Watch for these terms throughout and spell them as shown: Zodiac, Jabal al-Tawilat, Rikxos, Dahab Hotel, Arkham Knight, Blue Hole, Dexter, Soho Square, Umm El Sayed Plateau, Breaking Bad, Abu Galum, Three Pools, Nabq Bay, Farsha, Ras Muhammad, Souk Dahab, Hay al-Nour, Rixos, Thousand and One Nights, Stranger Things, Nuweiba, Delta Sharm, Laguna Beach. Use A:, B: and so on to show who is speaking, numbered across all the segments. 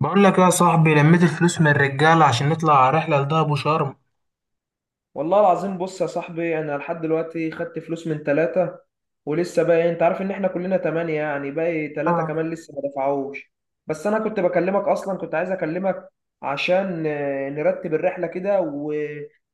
A: بقول لك يا صاحبي، لميت الفلوس من الرجاله عشان نطلع على رحله لدهب وشرم.
B: والله العظيم، بص يا صاحبي، انا لحد دلوقتي خدت فلوس من ثلاثة ولسه باقي. انت عارف ان احنا كلنا تمانية، يعني باقي ثلاثة
A: آه.
B: كمان لسه ما دفعوش. بس انا كنت بكلمك، اصلا كنت عايز اكلمك عشان نرتب الرحلة كده و...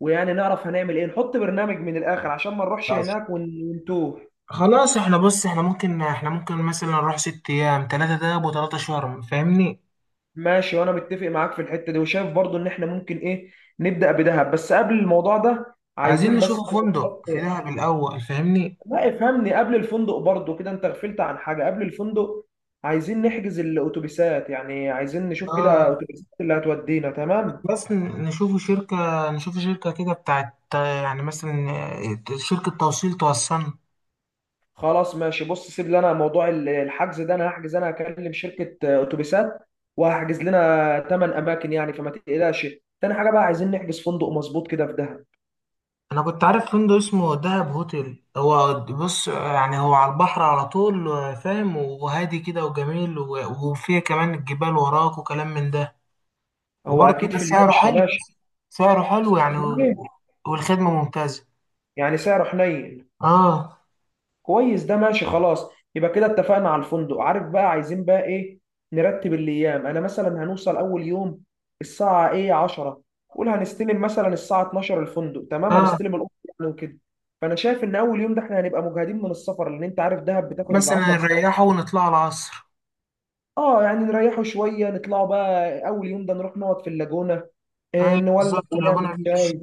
B: ويعني نعرف هنعمل ايه، نحط برنامج من الاخر عشان ما نروحش
A: ماشي.
B: هناك ونتوه.
A: خلاص، احنا بص احنا ممكن مثلا نروح 6 ايام، 3 دهب وتلاتة شرم، فاهمني؟
B: ماشي، وانا متفق معاك في الحتة دي، وشايف برضو ان احنا ممكن ايه، نبدأ بدهب. بس قبل الموضوع ده
A: عايزين
B: عايزين بس
A: نشوف فندق
B: نحط،
A: في دهب الاول، فاهمني؟
B: لا افهمني قبل الفندق، برضو كده انت غفلت عن حاجة قبل الفندق. عايزين نحجز الاتوبيسات، يعني عايزين نشوف
A: اه،
B: كده اتوبيسات اللي هتودينا. تمام،
A: بس نشوف شركة كده بتاعت يعني مثلا شركة توصيل توصلنا.
B: خلاص ماشي. بص، سيب لنا موضوع الحجز ده، انا هحجز، انا هكلم شركة اتوبيسات وهحجز لنا 8 اماكن يعني، فما تقلقش. تاني حاجة بقى، عايزين نحجز فندق مظبوط كده في دهب.
A: انا كنت عارف فندق اسمه دهب هوتيل، هو بص يعني هو على البحر على طول، فاهم؟ وهادي كده وجميل، وفيه كمان الجبال وراك وكلام من ده،
B: هو اكيد
A: وبرضه
B: في الماء
A: سعره
B: مش
A: حلو.
B: ماشي.
A: سعره حلو
B: سعره
A: يعني
B: حنين،
A: والخدمة ممتازة.
B: يعني سعره حنين.
A: اه
B: كويس، ده ماشي خلاص. يبقى كده اتفقنا على الفندق. عارف بقى عايزين بقى ايه؟ نرتب الايام. انا مثلا هنوصل اول يوم الساعه ايه، 10، قول. هنستلم مثلا الساعه 12 الفندق، تمام،
A: اه
B: هنستلم الاوضه يعني وكده. فانا شايف ان اول يوم ده احنا هنبقى مجهدين من السفر، لان انت عارف دهب بتاخد يجي
A: بس انا
B: 10 ساعات.
A: نريحه ونطلع العصر.
B: اه، يعني نريحوا شويه، نطلعوا بقى اول يوم ده، نروح نقعد في اللاجونه، إيه،
A: ايوه
B: نولع
A: بالظبط،
B: ونعمل
A: اللاجونة بيتش.
B: شاي.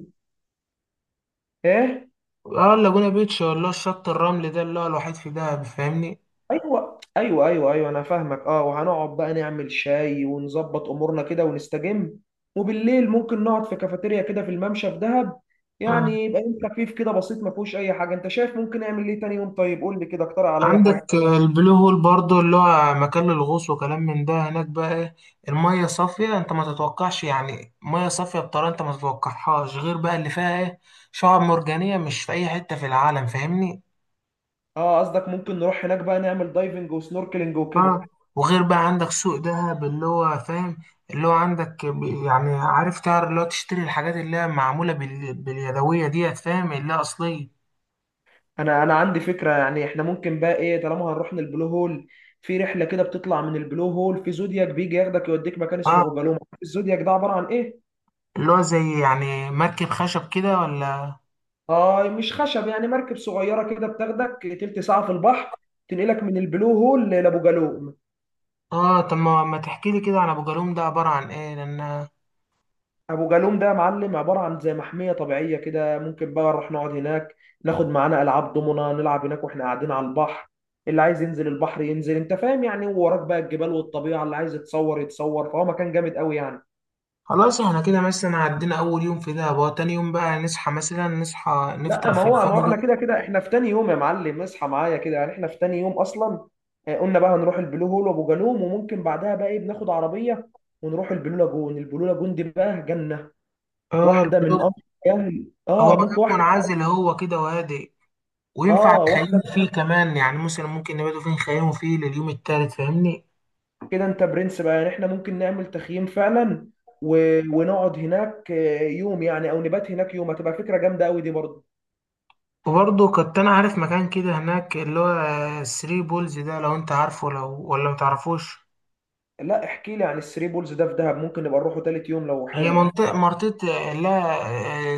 B: ايه.
A: اه، اللاجونة بيتش ولا الشط الرملي ده اللي هو الوحيد في دهب، فاهمني؟
B: ايوه ايوه ايوه ايوه، انا فاهمك. اه، وهنقعد بقى نعمل شاي ونظبط امورنا كده ونستجم. وبالليل ممكن نقعد في كافيتيريا كده في الممشى في دهب.
A: اه،
B: يعني يبقى يوم خفيف كده بسيط، ما فيهوش اي حاجه. انت شايف ممكن نعمل ايه تاني يوم؟ طيب قول لي كده، اقترح عليا حاجه.
A: عندك البلو هول برضو اللي هو مكان للغوص وكلام من ده، هناك بقى ايه؟ المية صافية، انت ما تتوقعش، يعني مية صافية بطريقة انت ما تتوقعهاش، غير بقى اللي فيها ايه؟ شعاب مرجانية مش في اي حتة في العالم، فاهمني؟
B: اه، قصدك ممكن نروح هناك بقى نعمل دايفنج وسنوركلينج وكده.
A: اه. وغير بقى عندك سوق دهب اللي هو فاهم، اللي هو عندك يعني عارف، تعرف اللي هو تشتري الحاجات اللي هي معمولة باليدوية ديت، فاهم؟ اللي هي أصلية.
B: انا عندي فكره. يعني احنا ممكن بقى ايه، طالما هنروح للبلو هول، في رحله كده بتطلع من البلو هول في زودياك، بيجي ياخدك يوديك مكان اسمه
A: اه،
B: بوجالوما. الزودياك ده عباره عن ايه؟
A: اللي هو زي يعني مركب خشب كده ولا؟
B: اه، مش خشب، يعني مركب صغيره كده بتاخدك تلت ساعه في البحر، تنقلك من البلو هول لابو جالوم.
A: اه، طب ما تحكي لي كده عن ابو جالوم ده؟ عباره عن ايه لان...
B: ابو جالوم ده يا معلم عباره عن زي محميه طبيعيه كده. ممكن بقى نروح نقعد هناك، ناخد معانا العاب دومنا، نلعب هناك واحنا قاعدين على البحر. اللي عايز ينزل البحر ينزل، انت فاهم يعني، ووراك بقى الجبال والطبيعه، اللي عايز يتصور يتصور. فهو مكان جامد قوي يعني.
A: خلاص، احنا كده مثلا عدينا اول يوم في دهب، هو تاني يوم بقى نصحى مثلا، نصحى
B: لا،
A: نفطر
B: ما
A: في
B: هو ما هو احنا
A: الفندق.
B: كده كده احنا في تاني يوم يا معلم. اصحى معايا كده، يعني احنا في تاني يوم اصلا. قلنا بقى هنروح البلو هول وابو جالوم. وممكن بعدها بقى ايه، بناخد عربيه ونروح البلو لاجون. البلو لاجون دي بقى جنه،
A: اه،
B: واحده من
A: البلوك.
B: امر. يعني
A: هو
B: اه،
A: مكان
B: ممكن واحده.
A: منعزل، هو كده وهادئ، وينفع
B: اه، واحده.
A: نخيموا فيه كمان، يعني مثلا ممكن نباتوا فيه، نخيموا فيه لليوم التالت، فاهمني؟
B: كده انت برنس بقى، يعني احنا ممكن نعمل تخييم فعلا و... ونقعد هناك يوم يعني، او نبات هناك يوم. هتبقى فكره جامده قوي دي برضه.
A: وبرضه كنت انا عارف مكان كده هناك اللي هو الثري بولز ده، لو انت عارفه لو ولا متعرفوش.
B: لا، احكي لي عن الثري بولز ده. في دهب ممكن نبقى نروحه تالت يوم لو
A: هي
B: حلو.
A: منطقة، لا،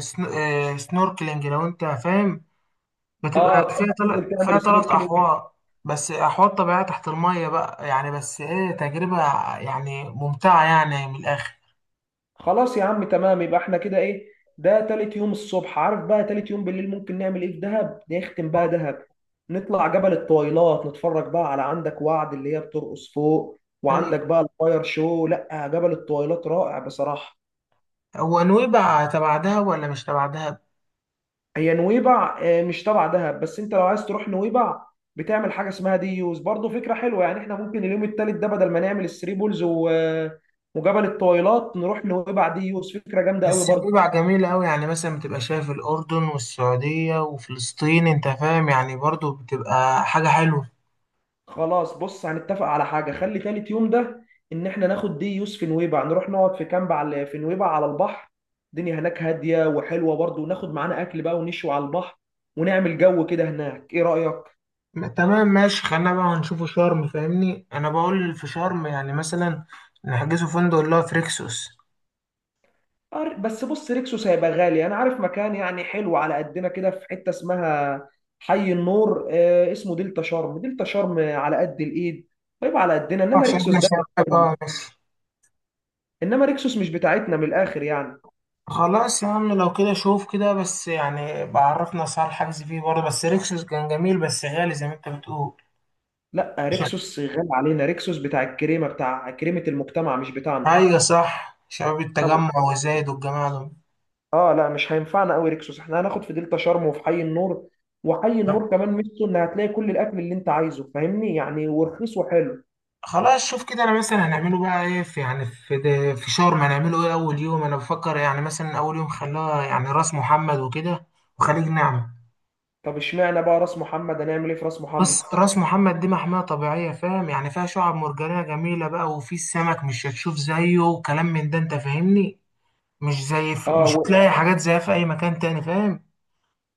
A: سنوركلينج، لو انت فاهم. بتبقى
B: اه،
A: فيها
B: تحب تنزل
A: 3، فيها
B: تعمل
A: تلات
B: سنوركلينج.
A: أحواض. بس أحواض طبيعية تحت المية بقى يعني، بس إيه، تجربة يعني ممتعة يعني من الآخر.
B: خلاص يا عم، تمام. يبقى احنا كده ايه، ده تالت يوم الصبح. عارف بقى تالت يوم بالليل ممكن نعمل ايه في دهب؟ نختم بقى دهب، نطلع جبل الطويلات، نتفرج بقى على عندك وعد اللي هي بترقص فوق،
A: أيوة.
B: وعندك بقى الفاير شو. لا، جبل الطويلات رائع بصراحة.
A: هو نويبع تبع دهب ولا مش تبع دهب؟
B: هي نويبع مش تبع دهب، بس انت لو عايز تروح نويبع، بتعمل حاجة اسمها دي يوز، برضه فكرة حلوة. يعني احنا ممكن اليوم التالت ده، بدل ما نعمل الثري بولز وجبل الطويلات، نروح نويبع دي يوز، فكرة جامدة قوي
A: بس
B: برضه.
A: نويبع جميلة أوي، يعني مثلا بتبقى شايف الأردن والسعودية وفلسطين، أنت فاهم؟ يعني برضو بتبقى حاجة حلوة.
B: خلاص بص، هنتفق على حاجة. خلي تالت يوم ده إن إحنا ناخد دي يوسف في نويبع، نروح نقعد في كامب على في نويبع على البحر. الدنيا هناك هادية وحلوة برضه، وناخد معانا أكل بقى ونشوي على البحر، ونعمل جو كده هناك. إيه رأيك؟
A: تمام ماشي، خلينا بقى نشوفوا شرم، فاهمني؟ أنا بقول في شرم يعني مثلا نحجزوا فندق اللي هو في ريكسوس،
B: بس بص، ريكسوس هيبقى غالي. أنا عارف مكان يعني حلو على قدنا، كده في حتة اسمها حي النور، آه، اسمه دلتا شرم. دلتا شرم على قد الإيد، طيب على قدنا، إنما
A: عشان
B: ريكسوس
A: احنا
B: ده،
A: شباب. اه ماشي،
B: إنما ريكسوس مش بتاعتنا من الآخر يعني.
A: خلاص يا عم، لو كده شوف كده بس، يعني بعرفنا اسعار الحجز فيه برضه، بس ريكسوس كان جميل بس غالي زي ما انت بتقول.
B: لا،
A: شا-
B: ريكسوس غالي علينا. ريكسوس بتاع الكريمه، بتاع كريمه المجتمع، مش بتاعنا.
A: ايوه صح، شباب
B: طب،
A: التجمع وزايد والجماعه دول.
B: اه، لا، مش هينفعنا قوي ريكسوس. احنا هناخد في دلتا شرم وفي حي النور. وحي
A: طب
B: النور كمان ميزته ان هتلاقي كل الاكل اللي انت عايزه، فاهمني، يعني ورخيص وحلو.
A: خلاص، شوف كده، انا مثلا هنعمله بقى ايه في يعني في ده، في شرم هنعمله ايه اول يوم؟ انا بفكر يعني مثلا اول يوم خلاه يعني راس محمد وكده وخليج نعمة.
B: طب اشمعنى بقى راس محمد؟ هنعمل ايه في راس
A: بس
B: محمد؟
A: راس محمد دي محمية طبيعية، فاهم؟ يعني فيها شعاب مرجانية جميلة بقى، وفي السمك مش هتشوف زيه وكلام من ده، انت فاهمني؟
B: اه
A: مش
B: و...
A: هتلاقي حاجات زيها في اي مكان تاني، فاهم؟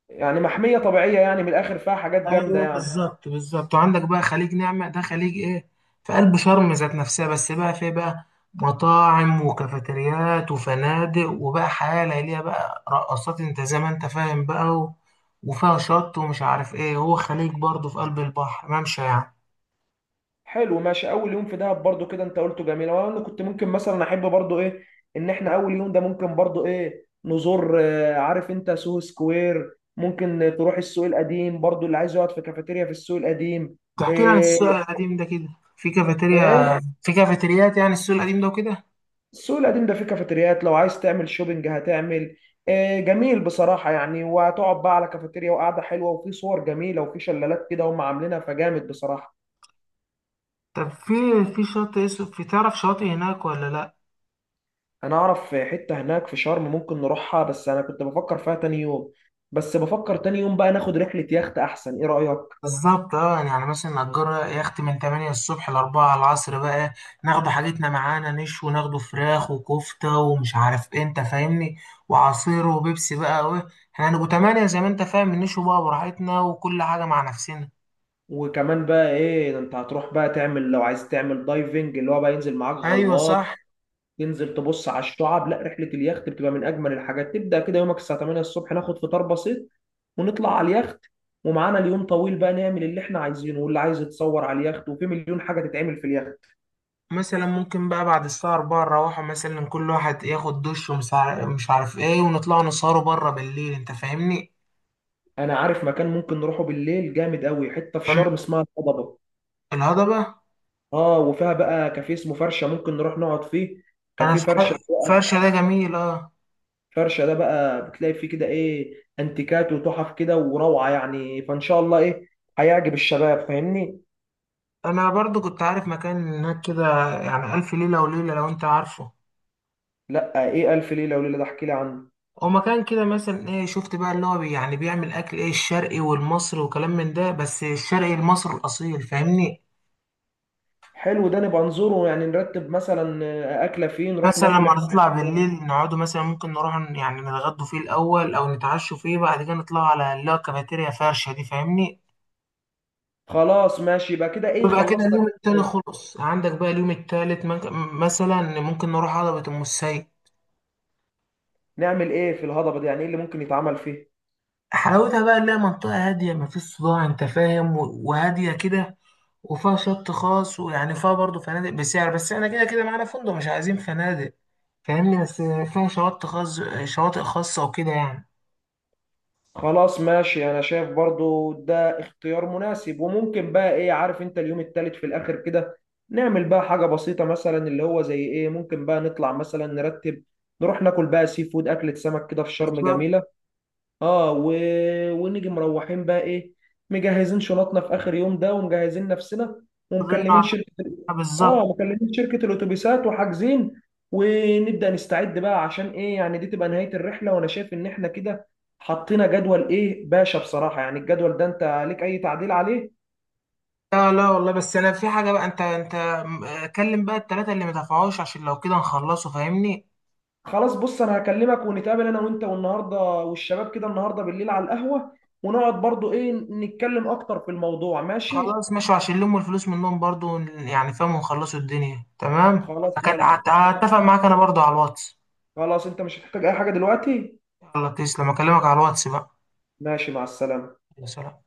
B: يعني محميه طبيعيه يعني، من الاخر فيها حاجات جامده
A: ايوه،
B: يعني.
A: بالظبط، وعندك بقى خليج نعمة، ده خليج ايه، في قلب شرم ذات نفسها، بس بقى فيه بقى مطاعم وكافيتريات وفنادق، وبقى حياة ليلية بقى، رقصات، انت زي ما انت فاهم بقى، و... وفيها شط ومش عارف ايه، هو خليج برضه في قلب البحر، ممشى يعني.
B: حلو، ماشي. اول يوم في دهب برضو كده انت قلته جميل، وانا كنت ممكن مثلا احب برضو ايه، ان احنا اول يوم ده ممكن برضو ايه، نزور عارف انت سوهو سكوير. ممكن تروح السوق القديم برضو، اللي عايز يقعد في كافيتيريا في السوق القديم.
A: تحكي لي عن
B: ايه.
A: السوق القديم ده كده؟ في كافيتيريا؟
B: ايه.
A: في كافيتريات يعني السوق القديم ده وكده؟
B: السوق القديم ده فيه كافيتريات، لو عايز تعمل شوبينج هتعمل، إيه، جميل بصراحة. يعني وهتقعد بقى على كافيتيريا، وقعدة حلوة، وفي صور جميلة، وفي شلالات كده هم عاملينها، فجامد بصراحة.
A: طب في... في شاطئ اسمه... في تعرف شاطئ هناك ولا لا؟
B: انا اعرف حتة هناك في شرم ممكن نروحها، بس انا كنت بفكر فيها تاني يوم. بس بفكر تاني يوم بقى ناخد رحلة يخت احسن. ايه رأيك؟
A: بالظبط، اه يعني، يعني مثلا نأجر يخت من 8 الصبح ل 4 العصر بقى، ناخد حاجتنا معانا نشوي، ناخده فراخ وكفتة ومش عارف ايه، انت فاهمني؟ وعصير وبيبسي بقى وايه، احنا هنبقوا 8 زي ما انت فاهم، نشوي بقى براحتنا وكل حاجة مع نفسنا.
B: وكمان بقى ايه، ده انت هتروح بقى تعمل، لو عايز تعمل دايفنج اللي هو بقى ينزل معاك
A: ايوه
B: غواص،
A: صح.
B: تنزل تبص على الشعاب. لا، رحلة اليخت بتبقى من اجمل الحاجات. تبدأ كده يومك الساعة 8 الصبح، ناخد فطار بسيط ونطلع على اليخت، ومعانا اليوم طويل بقى، نعمل اللي احنا عايزينه، واللي عايز يتصور على اليخت، وفي مليون حاجة تتعمل في اليخت.
A: مثلا ممكن بقى بعد الساعة 4 نروحوا مثلا كل واحد ياخد دش، ومش عارف مش عارف ايه، ونطلع نسهروا بره بالليل، انت فاهمني؟
B: انا عارف مكان ممكن نروحه بالليل جامد قوي، حتة في
A: تمام،
B: شرم اسمها الهضبة.
A: الهضبة.
B: اه، وفيها بقى كافيه اسمه فرشه، ممكن نروح نقعد فيه.
A: انا
B: كافيه
A: صح-
B: فرشه.
A: فرشة ده جميل، اه.
B: فرشه ده بقى بتلاقي فيه كده ايه، انتيكات وتحف كده وروعه يعني. فان شاء الله ايه، هيعجب الشباب فاهمني.
A: انا برضو كنت عارف مكان هناك كده يعني الف ليله وليله، لو انت عارفه.
B: لا ايه الف ليله وليله ده؟ احكي لي عنه.
A: هو مكان كده، مثلا ايه شفت بقى اللي هو يعني بيعمل اكل ايه، الشرقي والمصري وكلام من ده، بس الشرقي المصري الاصيل، فاهمني؟
B: حلو ده، نبقى نزوره. يعني نرتب مثلا اكله فين، نروح
A: مثلا لما
B: ناكل احنا.
A: نطلع بالليل نقعدوا، مثلا ممكن نروح يعني نتغدوا فيه الاول او نتعشوا فيه، بعد كده نطلعوا على اللي هو كافيتيريا فرشه دي، فاهمني؟
B: خلاص ماشي، يبقى كده ايه،
A: ويبقى كده
B: خلصنا.
A: اليوم التاني خلص. عندك بقى اليوم التالت مثلا ممكن نروح هضبة ام السيد.
B: نعمل ايه في الهضبه دي؟ يعني ايه اللي ممكن يتعمل فيه؟
A: حلاوتها بقى إنها منطقة هادية، مفيش صداع، أنت فاهم؟ وهادية كده، وفيها شط خاص، ويعني فيها برضه فنادق بسعر، بس احنا كده كده معانا فندق مش عايزين فنادق، فاهمني؟ بس فيها شواطئ خاص، شواطئ خاصة وكده يعني.
B: خلاص ماشي، انا شايف برضو ده اختيار مناسب. وممكن بقى ايه، عارف انت، اليوم التالت في الاخر كده، نعمل بقى حاجة بسيطة مثلا، اللي هو زي ايه، ممكن بقى نطلع مثلا نرتب، نروح ناكل بقى سي فود، اكلة سمك كده في شرم
A: بالظبط.
B: جميلة. اه و... ونيجي مروحين بقى ايه، مجهزين شنطنا في اخر يوم ده، ومجهزين نفسنا،
A: كلنا
B: ومكلمين
A: على-
B: شركه.
A: بالظبط.
B: اه، مكلمين شركه الاتوبيسات وحاجزين، ونبدا نستعد بقى عشان ايه، يعني دي تبقى نهايه الرحله. وانا شايف ان احنا كده حطينا جدول ايه باشا بصراحه. يعني الجدول ده انت ليك اي تعديل عليه؟
A: لا لا والله، بس أنا في حاجة بقى، أنت كلم بقى التلاتة اللي مدفعوش عشان لو كده نخلصه، فاهمني؟
B: خلاص بص، انا هكلمك ونتقابل، انا وانت والنهارده والشباب كده النهارده بالليل على القهوه، ونقعد برضو ايه، نتكلم اكتر في الموضوع. ماشي.
A: خلاص ماشي، عشان نلم الفلوس منهم برضه يعني فاهم، ونخلصوا الدنيا تمام.
B: خلاص، يلا.
A: هتفق معاك أنا برضه على الواتس.
B: خلاص، انت مش هتحتاج اي حاجة دلوقتي.
A: الله تسلم، اكلمك على الواتس بقى.
B: ماشي، مع السلامة.
A: يا سلام.